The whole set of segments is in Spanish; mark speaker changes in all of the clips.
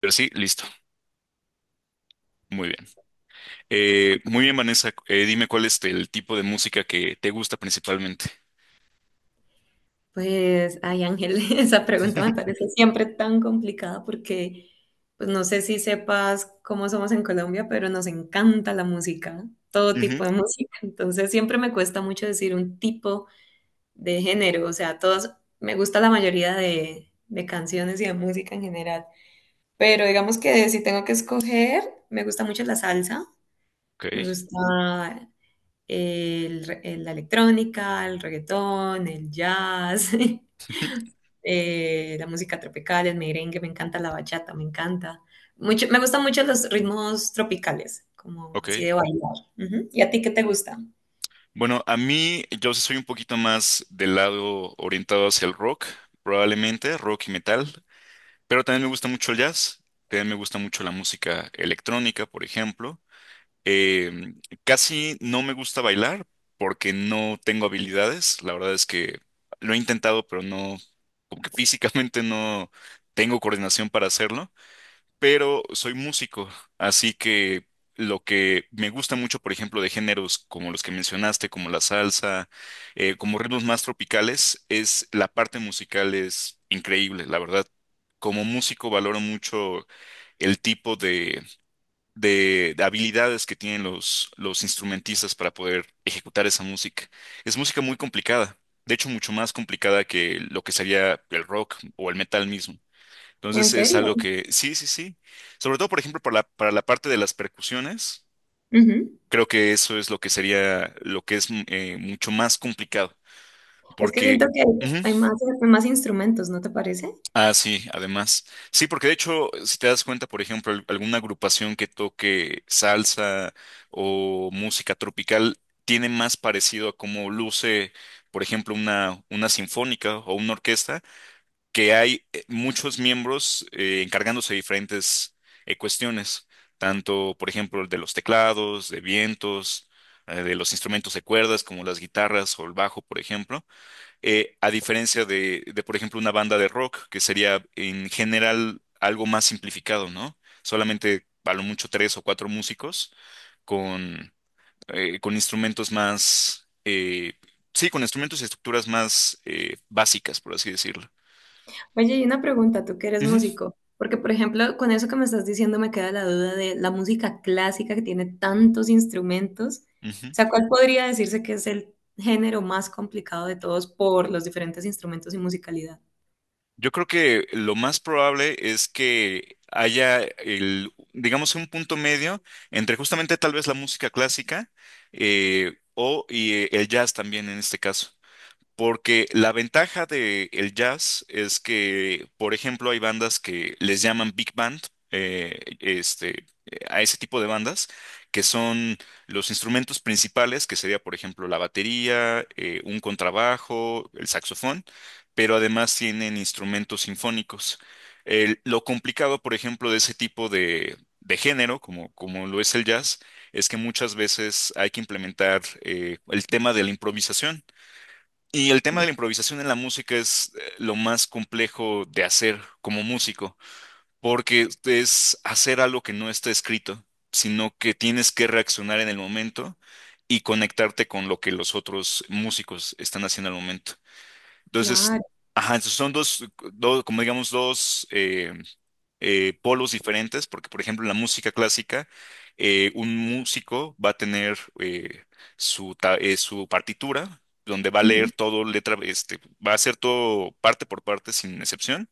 Speaker 1: Pero sí, listo. Muy bien. Muy bien, Vanessa. Dime cuál es el tipo de música que te gusta principalmente.
Speaker 2: Pues, ay Ángel, esa pregunta me parece siempre tan complicada porque, pues no sé si sepas cómo somos en Colombia, pero nos encanta la música, todo
Speaker 1: Ujú.
Speaker 2: tipo de música. Entonces siempre me cuesta mucho decir un tipo de género, o sea, todos, me gusta la mayoría de canciones y de música en general, pero digamos que si tengo que escoger, me gusta mucho la salsa,
Speaker 1: Ok,
Speaker 2: me gusta la electrónica, el reggaetón, el jazz. La música tropical, el merengue, me encanta la bachata, me encanta. Mucho, me gustan mucho los ritmos tropicales, como así de
Speaker 1: ok.
Speaker 2: bailar. Ujú. ¿Y a ti qué te gusta?
Speaker 1: Bueno, a mí yo sí soy un poquito más del lado orientado hacia el rock, probablemente rock y metal, pero también me gusta mucho el jazz, también me gusta mucho la música electrónica, por ejemplo. Eh, Casi no me gusta bailar porque no tengo habilidades. La verdad es que lo he intentado, pero no, como que físicamente no tengo coordinación para hacerlo. Pero soy músico, así que lo que me gusta mucho, por ejemplo, de géneros como los que mencionaste, como la salsa, como ritmos más tropicales, es la parte musical es increíble, la verdad. Como músico valoro mucho el tipo de de habilidades que tienen los instrumentistas para poder ejecutar esa música. Es música muy complicada, de hecho mucho más complicada que lo que sería el rock o el metal mismo.
Speaker 2: ¿En
Speaker 1: Entonces es
Speaker 2: serio?
Speaker 1: algo que, sí, sí, sí. Sobre todo, por ejemplo, para la parte de las percusiones,
Speaker 2: Ujú.
Speaker 1: creo que eso es lo que sería, lo que es mucho más complicado,
Speaker 2: Es que siento
Speaker 1: porque...
Speaker 2: que
Speaker 1: ujú.
Speaker 2: hay más, hay más instrumentos, ¿no te parece?
Speaker 1: Ah, sí, además. Sí, porque de hecho, si te das cuenta, por ejemplo, alguna agrupación que toque salsa o música tropical tiene más parecido a cómo luce, por ejemplo, una sinfónica o una orquesta, que hay muchos miembros encargándose de diferentes cuestiones, tanto, por ejemplo, de los teclados, de vientos, de los instrumentos de cuerdas como las guitarras o el bajo, por ejemplo, a diferencia por ejemplo, una banda de rock, que sería en general algo más simplificado, ¿no? Solamente a lo mucho tres o cuatro músicos con, con instrumentos más, sí, con instrumentos y estructuras más básicas, por así decirlo.
Speaker 2: Oye, y una pregunta, tú que eres
Speaker 1: Ujú,
Speaker 2: músico, porque por ejemplo, con eso que me estás diciendo me queda la duda de la música clásica que tiene tantos instrumentos. O
Speaker 1: ujú.
Speaker 2: sea, ¿cuál podría decirse que es el género más complicado de todos por los diferentes instrumentos y musicalidad?
Speaker 1: Yo creo que lo más probable es que haya el, digamos, un punto medio entre justamente tal vez la música clásica o y el jazz también en este caso. Porque la ventaja de el jazz es que, por ejemplo, hay bandas que les llaman big band, a ese tipo de bandas, que son los instrumentos principales, que sería, por ejemplo, la batería, un contrabajo, el saxofón, pero además tienen instrumentos sinfónicos. Lo complicado, por ejemplo, de ese tipo de género, como, como lo es el jazz, es que muchas veces hay que implementar el tema de la improvisación. Y el tema
Speaker 2: Mm.
Speaker 1: de la improvisación en la música es lo más complejo de hacer como músico, porque es hacer algo que no está escrito, sino que tienes que reaccionar en el momento y conectarte con lo que los otros músicos están haciendo al momento. Entonces,
Speaker 2: Claro.
Speaker 1: ajá, entonces son dos, dos, como digamos, dos polos diferentes, porque por ejemplo en la música clásica, un músico va a tener su partitura, donde va a leer
Speaker 2: Ujú,
Speaker 1: todo letra, este, va a hacer todo parte por parte sin excepción,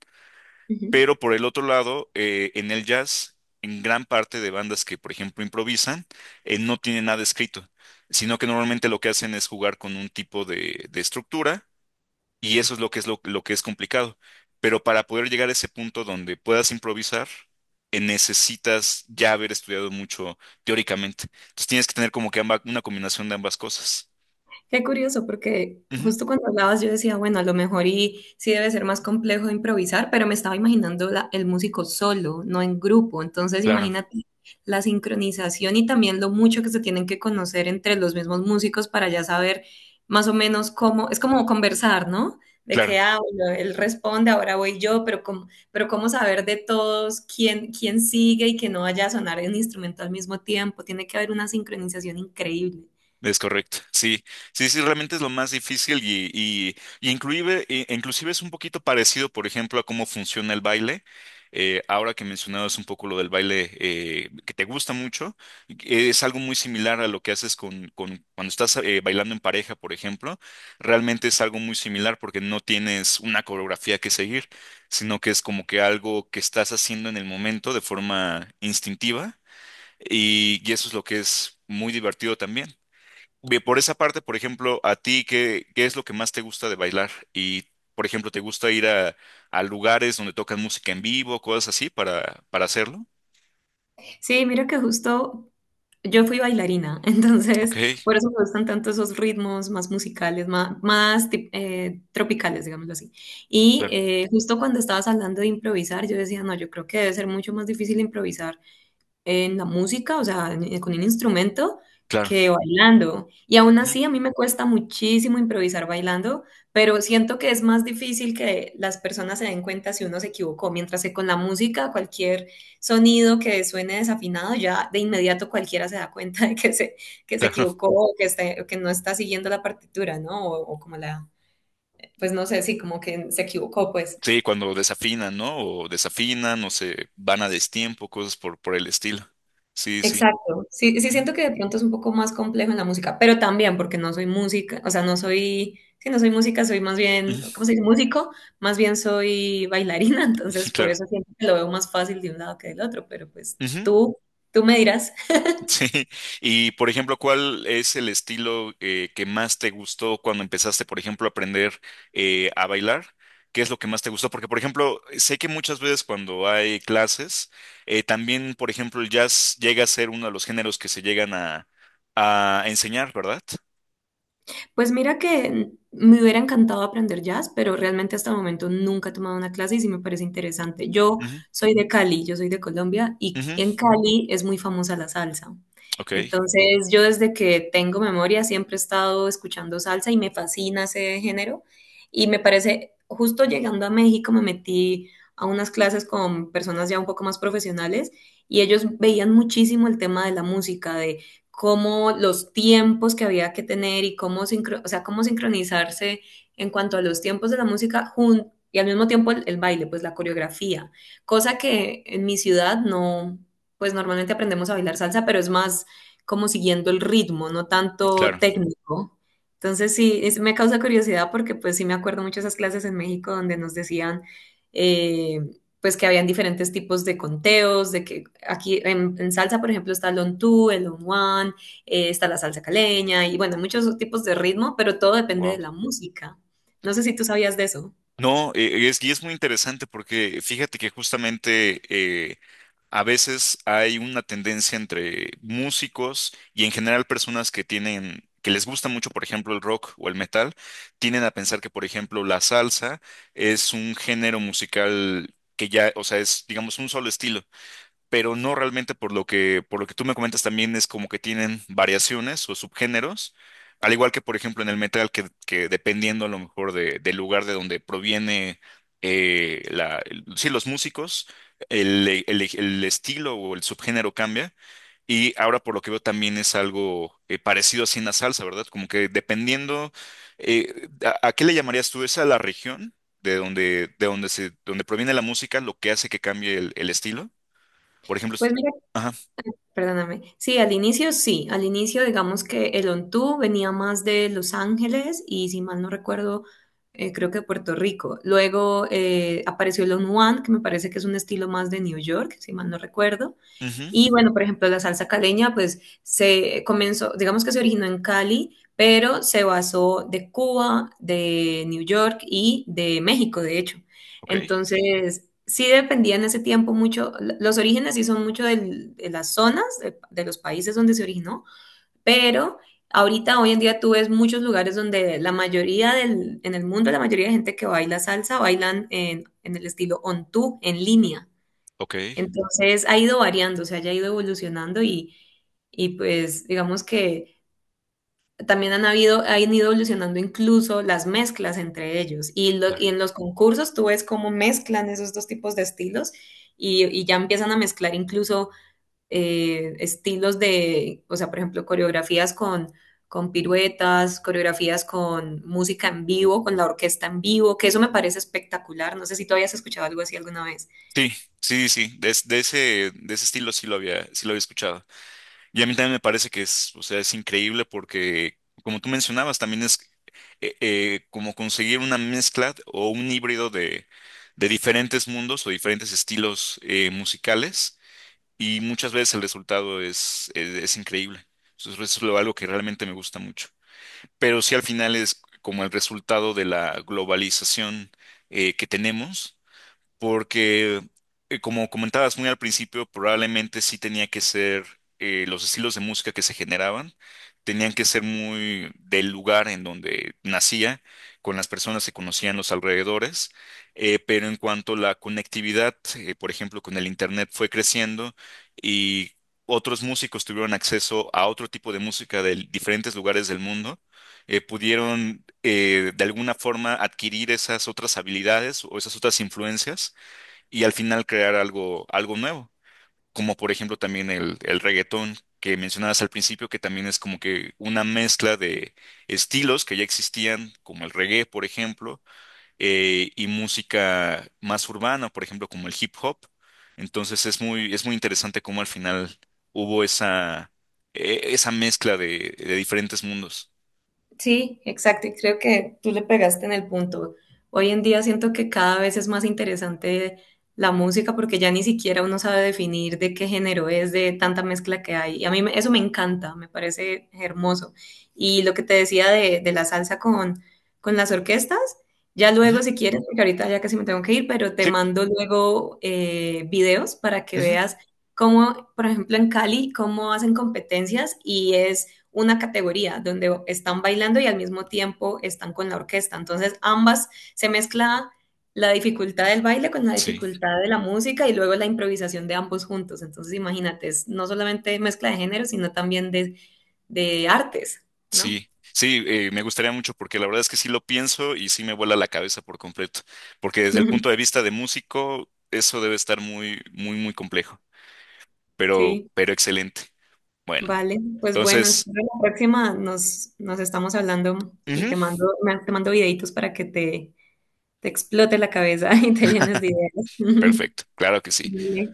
Speaker 2: ujú.
Speaker 1: pero por el otro lado, en el jazz, en gran parte de bandas que por ejemplo improvisan, no tienen nada escrito, sino que normalmente lo que hacen es jugar con un tipo de estructura y eso es lo que es lo que es complicado. Pero para poder llegar a ese punto donde puedas improvisar, necesitas ya haber estudiado mucho teóricamente. Entonces tienes que tener como que una combinación de ambas cosas.
Speaker 2: Qué curioso, porque
Speaker 1: Ujú.
Speaker 2: justo cuando hablabas yo decía, bueno, a lo mejor y sí debe ser más complejo improvisar, pero me estaba imaginando el músico solo, no en grupo. Entonces,
Speaker 1: Claro,
Speaker 2: imagínate la sincronización y también lo mucho que se tienen que conocer entre los mismos músicos para ya saber más o menos cómo, es como conversar, ¿no? De que,
Speaker 1: claro.
Speaker 2: ah, bueno, él responde, ahora voy yo, pero cómo saber de todos quién, quién sigue y que no vaya a sonar un instrumento al mismo tiempo. Tiene que haber una sincronización increíble.
Speaker 1: Es correcto, sí, sí, sí, realmente es lo más difícil y inclusive, inclusive es un poquito parecido, por ejemplo, a cómo funciona el baile. Ahora que mencionabas un poco lo del baile que te gusta mucho, es algo muy similar a lo que haces con cuando estás bailando en pareja, por ejemplo. Realmente es algo muy similar porque no tienes una coreografía que seguir, sino que es como que algo que estás haciendo en el momento de forma instintiva y eso es lo que es muy divertido también. Bien, por esa parte, por ejemplo, a ti, qué es lo que más te gusta de bailar? Y, por ejemplo, ¿te gusta ir a lugares donde tocan música en vivo, cosas así, para hacerlo?
Speaker 2: Sí, mira que justo yo fui bailarina, entonces
Speaker 1: Ok,
Speaker 2: por eso me gustan tanto esos ritmos más musicales, tropicales, digámoslo así. Y
Speaker 1: claro,
Speaker 2: justo cuando estabas hablando de improvisar, yo decía, no, yo creo que debe ser mucho más difícil improvisar en la música, o sea, con un instrumento,
Speaker 1: claro,
Speaker 2: que bailando. Y aún
Speaker 1: ujú,
Speaker 2: así, a mí me cuesta muchísimo improvisar bailando, pero siento que es más difícil que las personas se den cuenta si uno se equivocó, mientras que con la música, cualquier sonido que suene desafinado, ya de inmediato cualquiera se da cuenta de que se
Speaker 1: claro.
Speaker 2: equivocó o que, o que no está siguiendo la partitura, ¿no? O como la, pues no sé, sí, como que se equivocó, pues.
Speaker 1: Sí, cuando desafinan, ¿no? O desafinan, o se van a destiempo, cosas por el estilo. Sí, sí.
Speaker 2: Exacto. Sí, sí
Speaker 1: Ujú,
Speaker 2: siento que de pronto es un poco más complejo en la música, pero también porque no soy música, o sea, no soy, sí, no soy música, soy más bien, ¿cómo
Speaker 1: ujú.
Speaker 2: se dice? Músico, más bien soy bailarina, entonces por
Speaker 1: Claro.
Speaker 2: eso siento que lo veo más fácil de un lado que del otro, pero pues
Speaker 1: Ujú.
Speaker 2: tú me dirás.
Speaker 1: Sí, y por ejemplo, ¿cuál es el estilo que más te gustó cuando empezaste, por ejemplo, a aprender a bailar? ¿Qué es lo que más te gustó? Porque, por ejemplo, sé que muchas veces cuando hay clases, también, por ejemplo, el jazz llega a ser uno de los géneros que se llegan a enseñar, ¿verdad?
Speaker 2: Pues mira que me hubiera encantado aprender jazz, pero realmente hasta el momento nunca he tomado una clase y sí me parece interesante. Yo
Speaker 1: Ujú,
Speaker 2: soy de Cali, yo soy de Colombia y
Speaker 1: ujú.
Speaker 2: en Cali es muy famosa la salsa.
Speaker 1: Ok,
Speaker 2: Entonces yo desde que tengo memoria siempre he estado escuchando salsa y me fascina ese género y me parece, justo llegando a México me metí a unas clases con personas ya un poco más profesionales y ellos veían muchísimo el tema de la música, de cómo los tiempos que había que tener y cómo, o sea, cómo sincronizarse en cuanto a los tiempos de la música y al mismo tiempo el baile, pues la coreografía, cosa que en mi ciudad no, pues normalmente aprendemos a bailar salsa, pero es más como siguiendo el ritmo, no tanto técnico. Entonces sí, me causa curiosidad porque pues sí me acuerdo mucho de esas clases en México donde nos decían eh, pues que habían diferentes tipos de conteos, de que aquí en salsa, por ejemplo, está el on two, el on one, está la salsa caleña y bueno, muchos tipos de ritmo, pero todo depende de
Speaker 1: claro.
Speaker 2: la música. No sé si tú sabías de eso.
Speaker 1: No, y es muy interesante porque fíjate que justamente a veces hay una tendencia entre músicos y en general personas que les gusta mucho, por ejemplo, el rock o el metal, tienden a pensar que, por ejemplo, la salsa es un género musical que ya, o sea, es, digamos, un solo estilo, pero no realmente por por lo que tú me comentas también es como que tienen variaciones o subgéneros, al igual que por ejemplo en el metal que dependiendo a lo mejor del lugar de donde proviene sí, los músicos, el estilo o el subgénero cambia y ahora por lo que veo también es algo parecido así en la salsa, ¿verdad? Como que dependiendo, eh, a qué le llamarías tú? ¿Es a la región? De donde donde proviene la música, lo que hace que cambie el estilo. Por ejemplo,
Speaker 2: Pues mira,
Speaker 1: ajá,
Speaker 2: perdóname. Sí, al inicio digamos que el on two venía más de Los Ángeles y si mal no recuerdo, creo que de Puerto Rico. Luego apareció el on one, que me parece que es un estilo más de New York, si mal no recuerdo.
Speaker 1: ujú,
Speaker 2: Y bueno, por ejemplo, la salsa caleña, pues se comenzó, digamos que se originó en Cali, pero se basó de Cuba, de New York y de México, de hecho.
Speaker 1: ok,
Speaker 2: Entonces, sí dependía en ese tiempo mucho, los orígenes sí son mucho de las zonas, de los países donde se originó, pero ahorita, hoy en día, tú ves muchos lugares donde la mayoría del, en el mundo, la mayoría de gente que baila salsa bailan en el estilo on two, en línea.
Speaker 1: ok,
Speaker 2: Entonces ha ido variando, o sea, ya ha ido evolucionando y pues digamos que también han habido, han ido evolucionando incluso las mezclas entre ellos. Y,
Speaker 1: claro.
Speaker 2: y en los concursos tú ves cómo mezclan esos dos tipos de estilos y ya empiezan a mezclar incluso estilos de, o sea, por ejemplo, coreografías con piruetas, coreografías con música en vivo, con la orquesta en vivo, que eso me parece espectacular. No sé si tú habías escuchado algo así alguna vez.
Speaker 1: Sí, sí, sí, de ese estilo sí lo había escuchado. Y a mí también me parece que es, o sea, es increíble porque, como tú mencionabas, también es como conseguir una mezcla o un híbrido de diferentes mundos o diferentes estilos musicales y muchas veces el resultado es increíble. Eso es algo que realmente me gusta mucho. Pero sí al final es como el resultado de la globalización que tenemos, porque como comentabas muy al principio, probablemente sí tenía que ser los estilos de música que se generaban, tenían que ser muy del lugar en donde nacía, con las personas que conocían los alrededores, pero en cuanto a la conectividad, por ejemplo, con el Internet fue creciendo y... Otros músicos tuvieron acceso a otro tipo de música de diferentes lugares del mundo, pudieron de alguna forma adquirir esas otras habilidades o esas otras influencias y al final crear algo, algo nuevo, como por ejemplo también el reggaetón que mencionabas al principio, que también es como que una mezcla de estilos que ya existían, como el reggae, por ejemplo, y música más urbana, por ejemplo, como el hip hop. Entonces es muy interesante cómo al final hubo esa, esa mezcla de diferentes mundos.
Speaker 2: Sí, exacto. Y creo que tú le pegaste en el punto. Hoy en día siento que cada vez es más interesante la música porque ya ni siquiera uno sabe definir de qué género es, de tanta mezcla que hay. Y a mí eso me encanta, me parece hermoso. Y lo que te decía de la salsa con las orquestas, ya
Speaker 1: Ujú,
Speaker 2: luego si quieres, porque ahorita ya casi me tengo que ir, pero te
Speaker 1: sí,
Speaker 2: mando luego videos para que
Speaker 1: ujú.
Speaker 2: veas cómo, por ejemplo, en Cali, cómo hacen competencias y es una categoría donde están bailando y al mismo tiempo están con la orquesta. Entonces ambas se mezcla la dificultad del baile con la
Speaker 1: Sí,
Speaker 2: dificultad de la música y luego la improvisación de ambos juntos. Entonces imagínate, es no solamente mezcla de géneros, sino también de artes, ¿no?
Speaker 1: sí, sí, me gustaría mucho porque la verdad es que sí lo pienso y sí me vuela la cabeza por completo, porque desde el punto de vista de músico, eso debe estar muy, muy, muy complejo,
Speaker 2: Sí,
Speaker 1: pero excelente. Bueno,
Speaker 2: vale. Pues bueno,
Speaker 1: entonces,
Speaker 2: espero la próxima nos, nos estamos hablando y
Speaker 1: ujú,
Speaker 2: te mando, te mando videitos para que te explote la cabeza y te llenes de ideas.
Speaker 1: perfecto, claro que sí.
Speaker 2: Vale.